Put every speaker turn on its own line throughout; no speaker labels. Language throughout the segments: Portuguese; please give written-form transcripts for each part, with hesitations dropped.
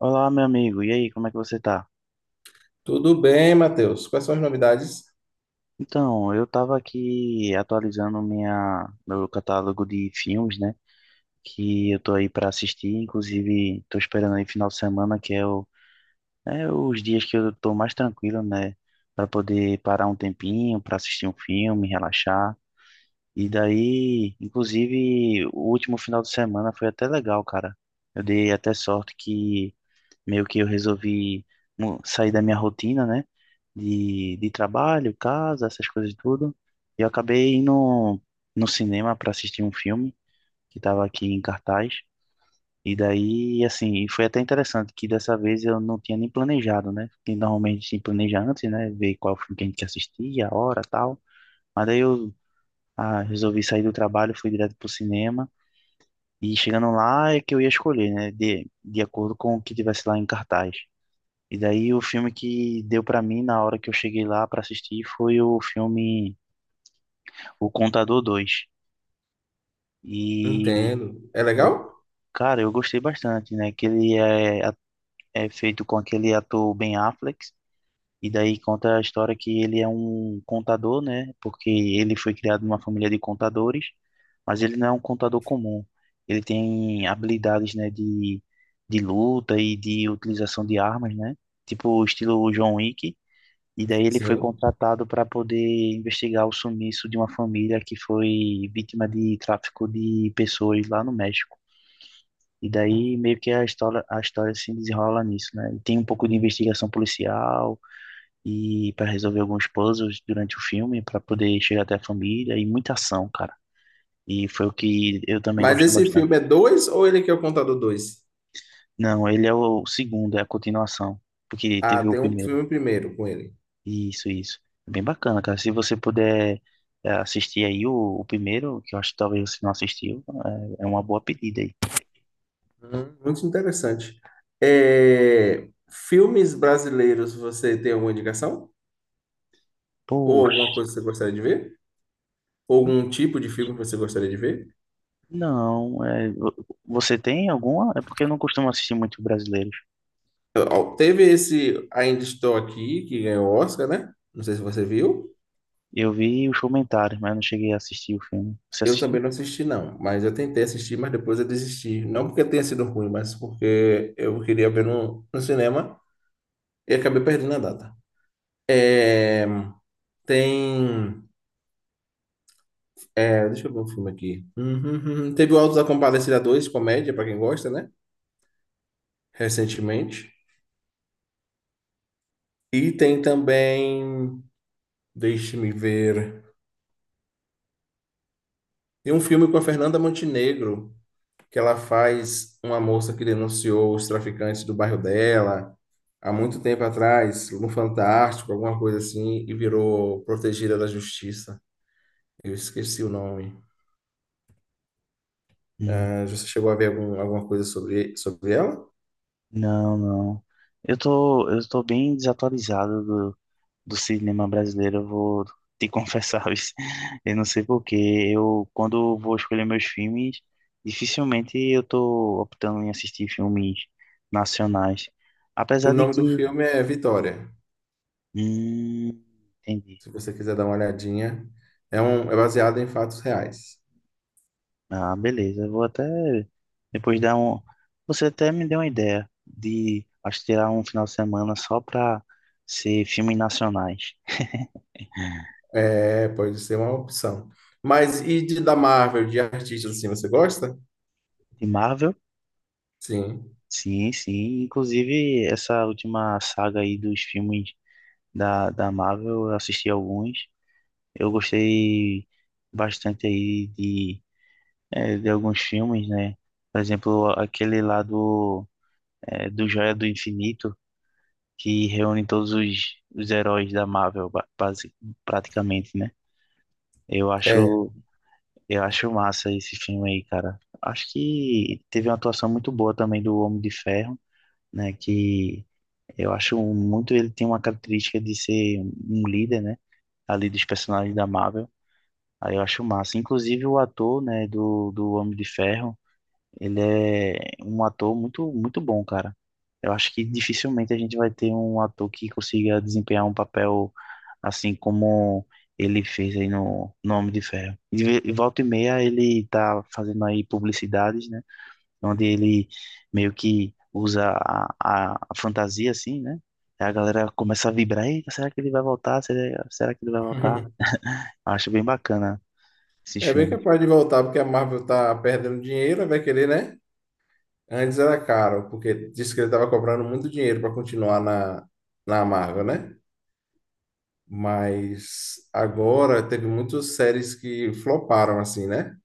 Olá, meu amigo. E aí, como é que você tá?
Tudo bem, Matheus. Quais são as novidades?
Então, eu tava aqui atualizando minha meu catálogo de filmes, né? Que eu tô aí pra assistir, inclusive tô esperando aí final de semana, que é o é os dias que eu tô mais tranquilo, né, pra poder parar um tempinho pra assistir um filme, relaxar. E daí, inclusive, o último final de semana foi até legal, cara. Eu dei até sorte que meio que eu resolvi sair da minha rotina, né? De trabalho, casa, essas coisas tudo. E eu acabei indo no cinema para assistir um filme que estava aqui em cartaz. E daí, assim, foi até interessante que dessa vez eu não tinha nem planejado, né? Porque normalmente se planeja antes, né? Ver qual filme que a gente quer assistir, a hora, tal. Mas daí eu resolvi sair do trabalho, fui direto pro cinema. E chegando lá é que eu ia escolher, né? De acordo com o que tivesse lá em cartaz. E daí o filme que deu pra mim na hora que eu cheguei lá pra assistir foi o filme O Contador 2. E
Entendo. É
eu,
legal?
cara, eu gostei bastante, né? Que ele é, a- É feito com aquele ator Ben Affleck. E daí conta a história que ele é um contador, né? Porque ele foi criado numa família de contadores, mas ele não é um contador comum. Ele tem habilidades, né, de luta e de utilização de armas, né? Tipo o estilo John Wick. E daí ele foi
Sim.
contratado para poder investigar o sumiço de uma família que foi vítima de tráfico de pessoas lá no México. E daí meio que a história se desenrola nisso, né? E tem um pouco de investigação policial e para resolver alguns puzzles durante o filme para poder chegar até a família e muita ação, cara. E foi o que eu também
Mas
gosto
esse
bastante.
filme é dois ou ele que é o contador dois?
Não, ele é o segundo, é a continuação, porque
Ah,
teve o
tem um
primeiro.
filme primeiro com ele.
Isso, isso. É bem bacana, cara. Se você puder assistir o primeiro, que eu acho que talvez você não assistiu, é uma boa pedida aí.
Muito interessante. É, filmes brasileiros, você tem alguma indicação? Ou alguma
Poxa,
coisa que você gostaria de ver? Ou algum tipo de filme que você gostaria de ver?
não. Você tem alguma? É porque eu não costumo assistir muito brasileiros.
Ó, teve esse Ainda Estou Aqui, que ganhou o Oscar, né? Não sei se você viu.
Eu vi os comentários, mas eu não cheguei a assistir o filme. Você
Eu
assistiu?
também não assisti, não, mas eu tentei assistir, mas depois eu desisti. Não porque tenha sido ruim, mas porque eu queria ver no, cinema e acabei perdendo a data. É, tem. É, deixa eu ver um filme aqui. Uhum, uhum. Teve o Auto da Compadecida 2, comédia, pra quem gosta, né? Recentemente. E tem também. Deixe-me ver. Tem um filme com a Fernanda Montenegro, que ela faz uma moça que denunciou os traficantes do bairro dela há muito tempo atrás, no Fantástico, alguma coisa assim, e virou protegida da justiça. Eu esqueci o nome.
Hum.
Ah, você chegou a ver alguma coisa sobre ela?
Não, não. Eu tô bem desatualizado do cinema brasileiro, eu vou te confessar, isso. Eu não sei por quê. Eu, quando eu vou escolher meus filmes, dificilmente eu tô optando em assistir filmes nacionais.
O
Apesar de
nome do
que.
filme é Vitória.
Hum, entendi.
Se você quiser dar uma olhadinha, é, um, é baseado em fatos reais.
Ah, beleza. Eu vou até depois dar um. Você até me deu uma ideia de acho que tirar um final de semana só pra ser filmes nacionais.
É, pode ser uma opção. Mas e de, da Marvel, de artistas assim, você gosta?
De Marvel?
Sim.
Sim, sim. Inclusive, essa última saga aí dos filmes da Marvel, eu assisti alguns. Eu gostei bastante aí de alguns filmes, né? Por exemplo, aquele lá do Joia do Infinito, que reúne os heróis da Marvel, praticamente, né? Eu
É.
acho, eu acho massa esse filme aí, cara. Acho que teve uma atuação muito boa também do Homem de Ferro, né? Que eu acho muito, ele tem uma característica de ser um líder, né? Ali dos personagens da Marvel. Aí eu acho massa. Inclusive o ator, né, do Homem de Ferro, ele é um ator muito bom, cara. Eu acho que dificilmente a gente vai ter um ator que consiga desempenhar um papel assim como ele fez aí no Homem de Ferro. E e volta e meia ele tá fazendo aí publicidades, né, onde ele meio que usa a fantasia, assim, né? Aí a galera começa a vibrar, eita, será que ele vai voltar? Será que ele vai voltar? Acho bem bacana esse
É bem
filme.
capaz de voltar, porque a Marvel tá perdendo dinheiro, vai querer, né? Antes era caro, porque disse que ele estava cobrando muito dinheiro para continuar na, na Marvel, né? Mas agora teve muitas séries que floparam, assim, né?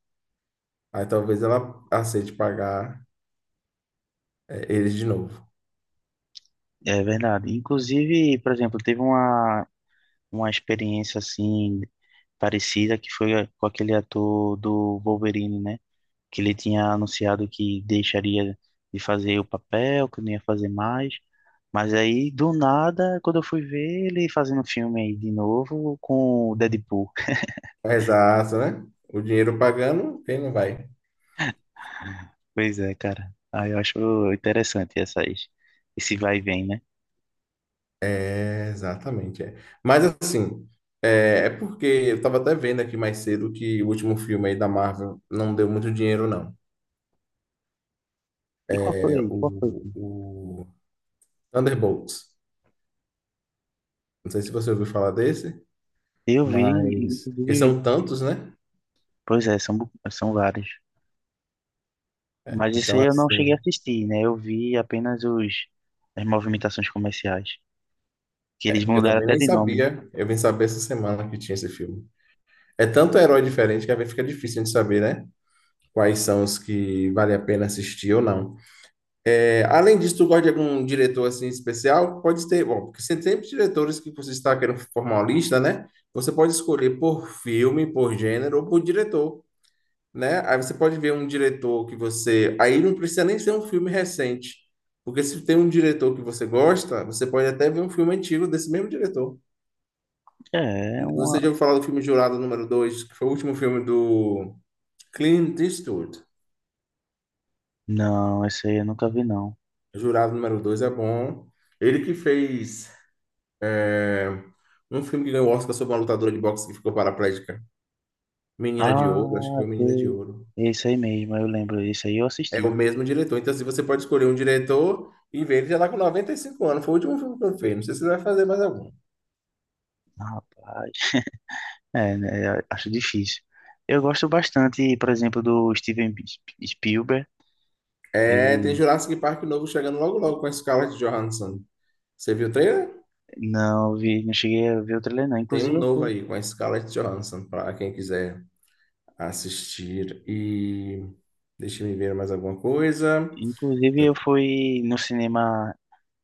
Aí talvez ela aceite pagar é, eles de novo.
É verdade. Inclusive, por exemplo, uma experiência assim parecida que foi com aquele ator do Wolverine, né? Que ele tinha anunciado que deixaria de fazer o papel, que não ia fazer mais. Mas aí, do nada, quando eu fui ver ele fazendo filme aí de novo com o Deadpool.
Exato, né? O dinheiro pagando, quem não vai?
Pois é, cara. Aí eu acho interessante esse vai e vem, né?
É, exatamente, é. Mas assim, é, é porque eu estava até vendo aqui mais cedo que o último filme aí da Marvel não deu muito dinheiro, não.
E qual
É
foi? Qual foi?
o Thunderbolts. Não sei se você ouviu falar desse,
Eu vi,
mas porque
inclusive,
são tantos, né?
pois é, são vários. Mas isso
Então,
aí eu não cheguei a
assim,
assistir, né? Eu vi apenas as movimentações comerciais. Que eles
eu
mudaram
também
até
nem
de nome.
sabia. Eu vim saber essa semana que tinha esse filme. É tanto herói diferente que às vezes fica difícil de saber, né? Quais são os que vale a pena assistir ou não. É, além disso, tu gosta de algum diretor assim especial? Pode ter, bom, porque tem sempre diretores que você está querendo formar uma lista, né? Você pode escolher por filme, por gênero ou por diretor. Né? Aí você pode ver um diretor que você. Aí não precisa nem ser um filme recente. Porque se tem um diretor que você gosta, você pode até ver um filme antigo desse mesmo diretor.
É,
Você
uma.
já ouviu falar do filme Jurado número Dois, que foi o último filme do Clint Eastwood.
Não, esse aí eu nunca vi, não.
Jurado número Dois é bom. Ele que fez é, um filme que ganhou o Oscar sobre uma lutadora de boxe que ficou paraplégica. Menina de Ouro, acho que
Ah,
foi Menina de
sei.
Ouro.
Esse aí mesmo, eu lembro. Esse aí eu
É o
assisti.
mesmo diretor. Então, se você pode escolher um diretor e ver, ele já tá com 95 anos. Foi o último filme que eu fiz. Não sei se ele vai fazer mais algum.
Rapaz. É, né? Acho difícil. Eu gosto bastante, por exemplo, do Steven Spielberg.
É, tem
Ele.
Jurassic Park novo chegando logo logo com a Scarlett Johansson. Você viu o trailer?
Não, eu vi, não cheguei a ver o trailer, não.
Tem um
Inclusive, eu
novo
fui.
aí com a Scarlett Johansson para quem quiser assistir. E deixa eu ver mais alguma coisa.
Inclusive, eu fui no cinema,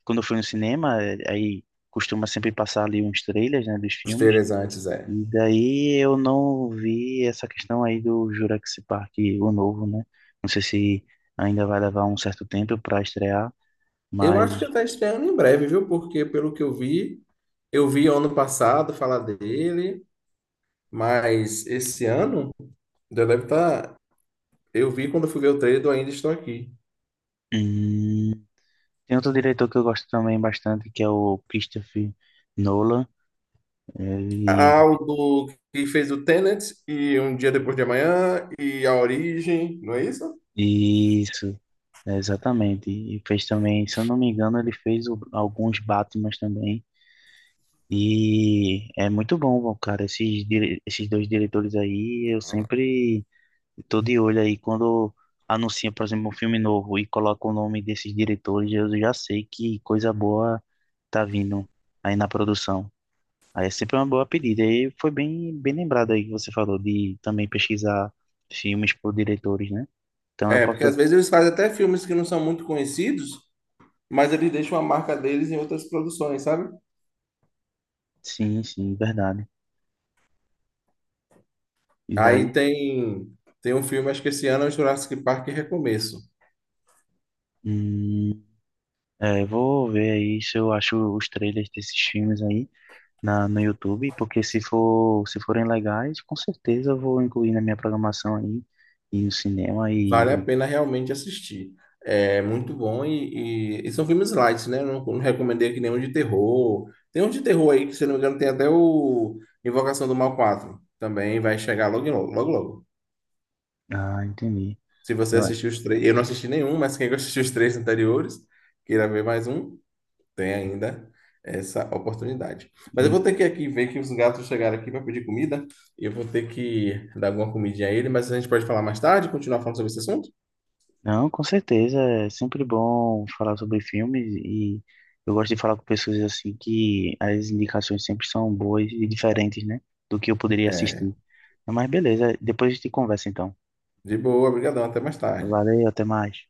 quando eu fui no cinema, aí costuma sempre passar ali uns trailers, né, dos
Os
filmes.
trailers antes é.
E daí eu não vi essa questão aí do Jurassic Park, o novo, né? Não sei se ainda vai levar um certo tempo para estrear,
Eu
mas
acho que já tá estreando em breve, viu? Porque pelo que eu vi ano passado falar dele, mas esse ano já deve estar. Eu vi quando eu fui ver o trailer do Ainda Estou Aqui.
hum, tem outro diretor que eu gosto também bastante, que é o Christopher Nolan. Ele,
Ao do que fez o Tenet e Um Dia Depois de Amanhã e A Origem, não é isso?
isso, é, exatamente. E fez também, se eu não me engano, ele fez alguns Batmans também. E é muito bom, cara. Esses dois diretores aí, eu sempre tô de olho aí. Quando anuncia, por exemplo, um filme novo e coloca o nome desses diretores, eu já sei que coisa boa tá vindo aí na produção. Aí é sempre uma boa pedida. E foi bem lembrado aí que você falou de também pesquisar filmes por diretores, né? Então eu
É, porque
posso.
às vezes eles fazem até filmes que não são muito conhecidos, mas eles deixam a marca deles em outras produções, sabe?
Sim, sim, verdade. E daí?
Aí tem um filme, acho que esse ano é o Jurassic Park Recomeço.
Hum, é, vou ver aí se eu acho os trailers desses filmes aí, no YouTube, porque se forem legais, com certeza eu vou incluir na minha programação aí, e no cinema
Vale a
e...
pena realmente assistir. É muito bom e são filmes light, né? Eu não, não recomendei aqui nenhum de terror. Tem um de terror aí que, se não me engano, tem até o Invocação do Mal 4. Também vai chegar logo, em logo, logo, logo.
Ah, entendi.
Se você
Eu-
assistiu os três, eu não assisti nenhum, mas quem assistiu os três anteriores, queira ver mais um, tem ainda essa oportunidade. Mas eu vou ter que aqui ver que os gatos chegaram aqui para pedir comida. E eu vou ter que dar alguma comidinha a ele, mas a gente pode falar mais tarde, continuar falando sobre esse assunto?
Não, com certeza, é sempre bom falar sobre filmes e eu gosto de falar com pessoas assim que as indicações sempre são boas e diferentes, né, do que eu poderia
É,
assistir. Mas beleza, depois a gente conversa então.
de boa, obrigadão, até mais tarde.
Valeu, até mais.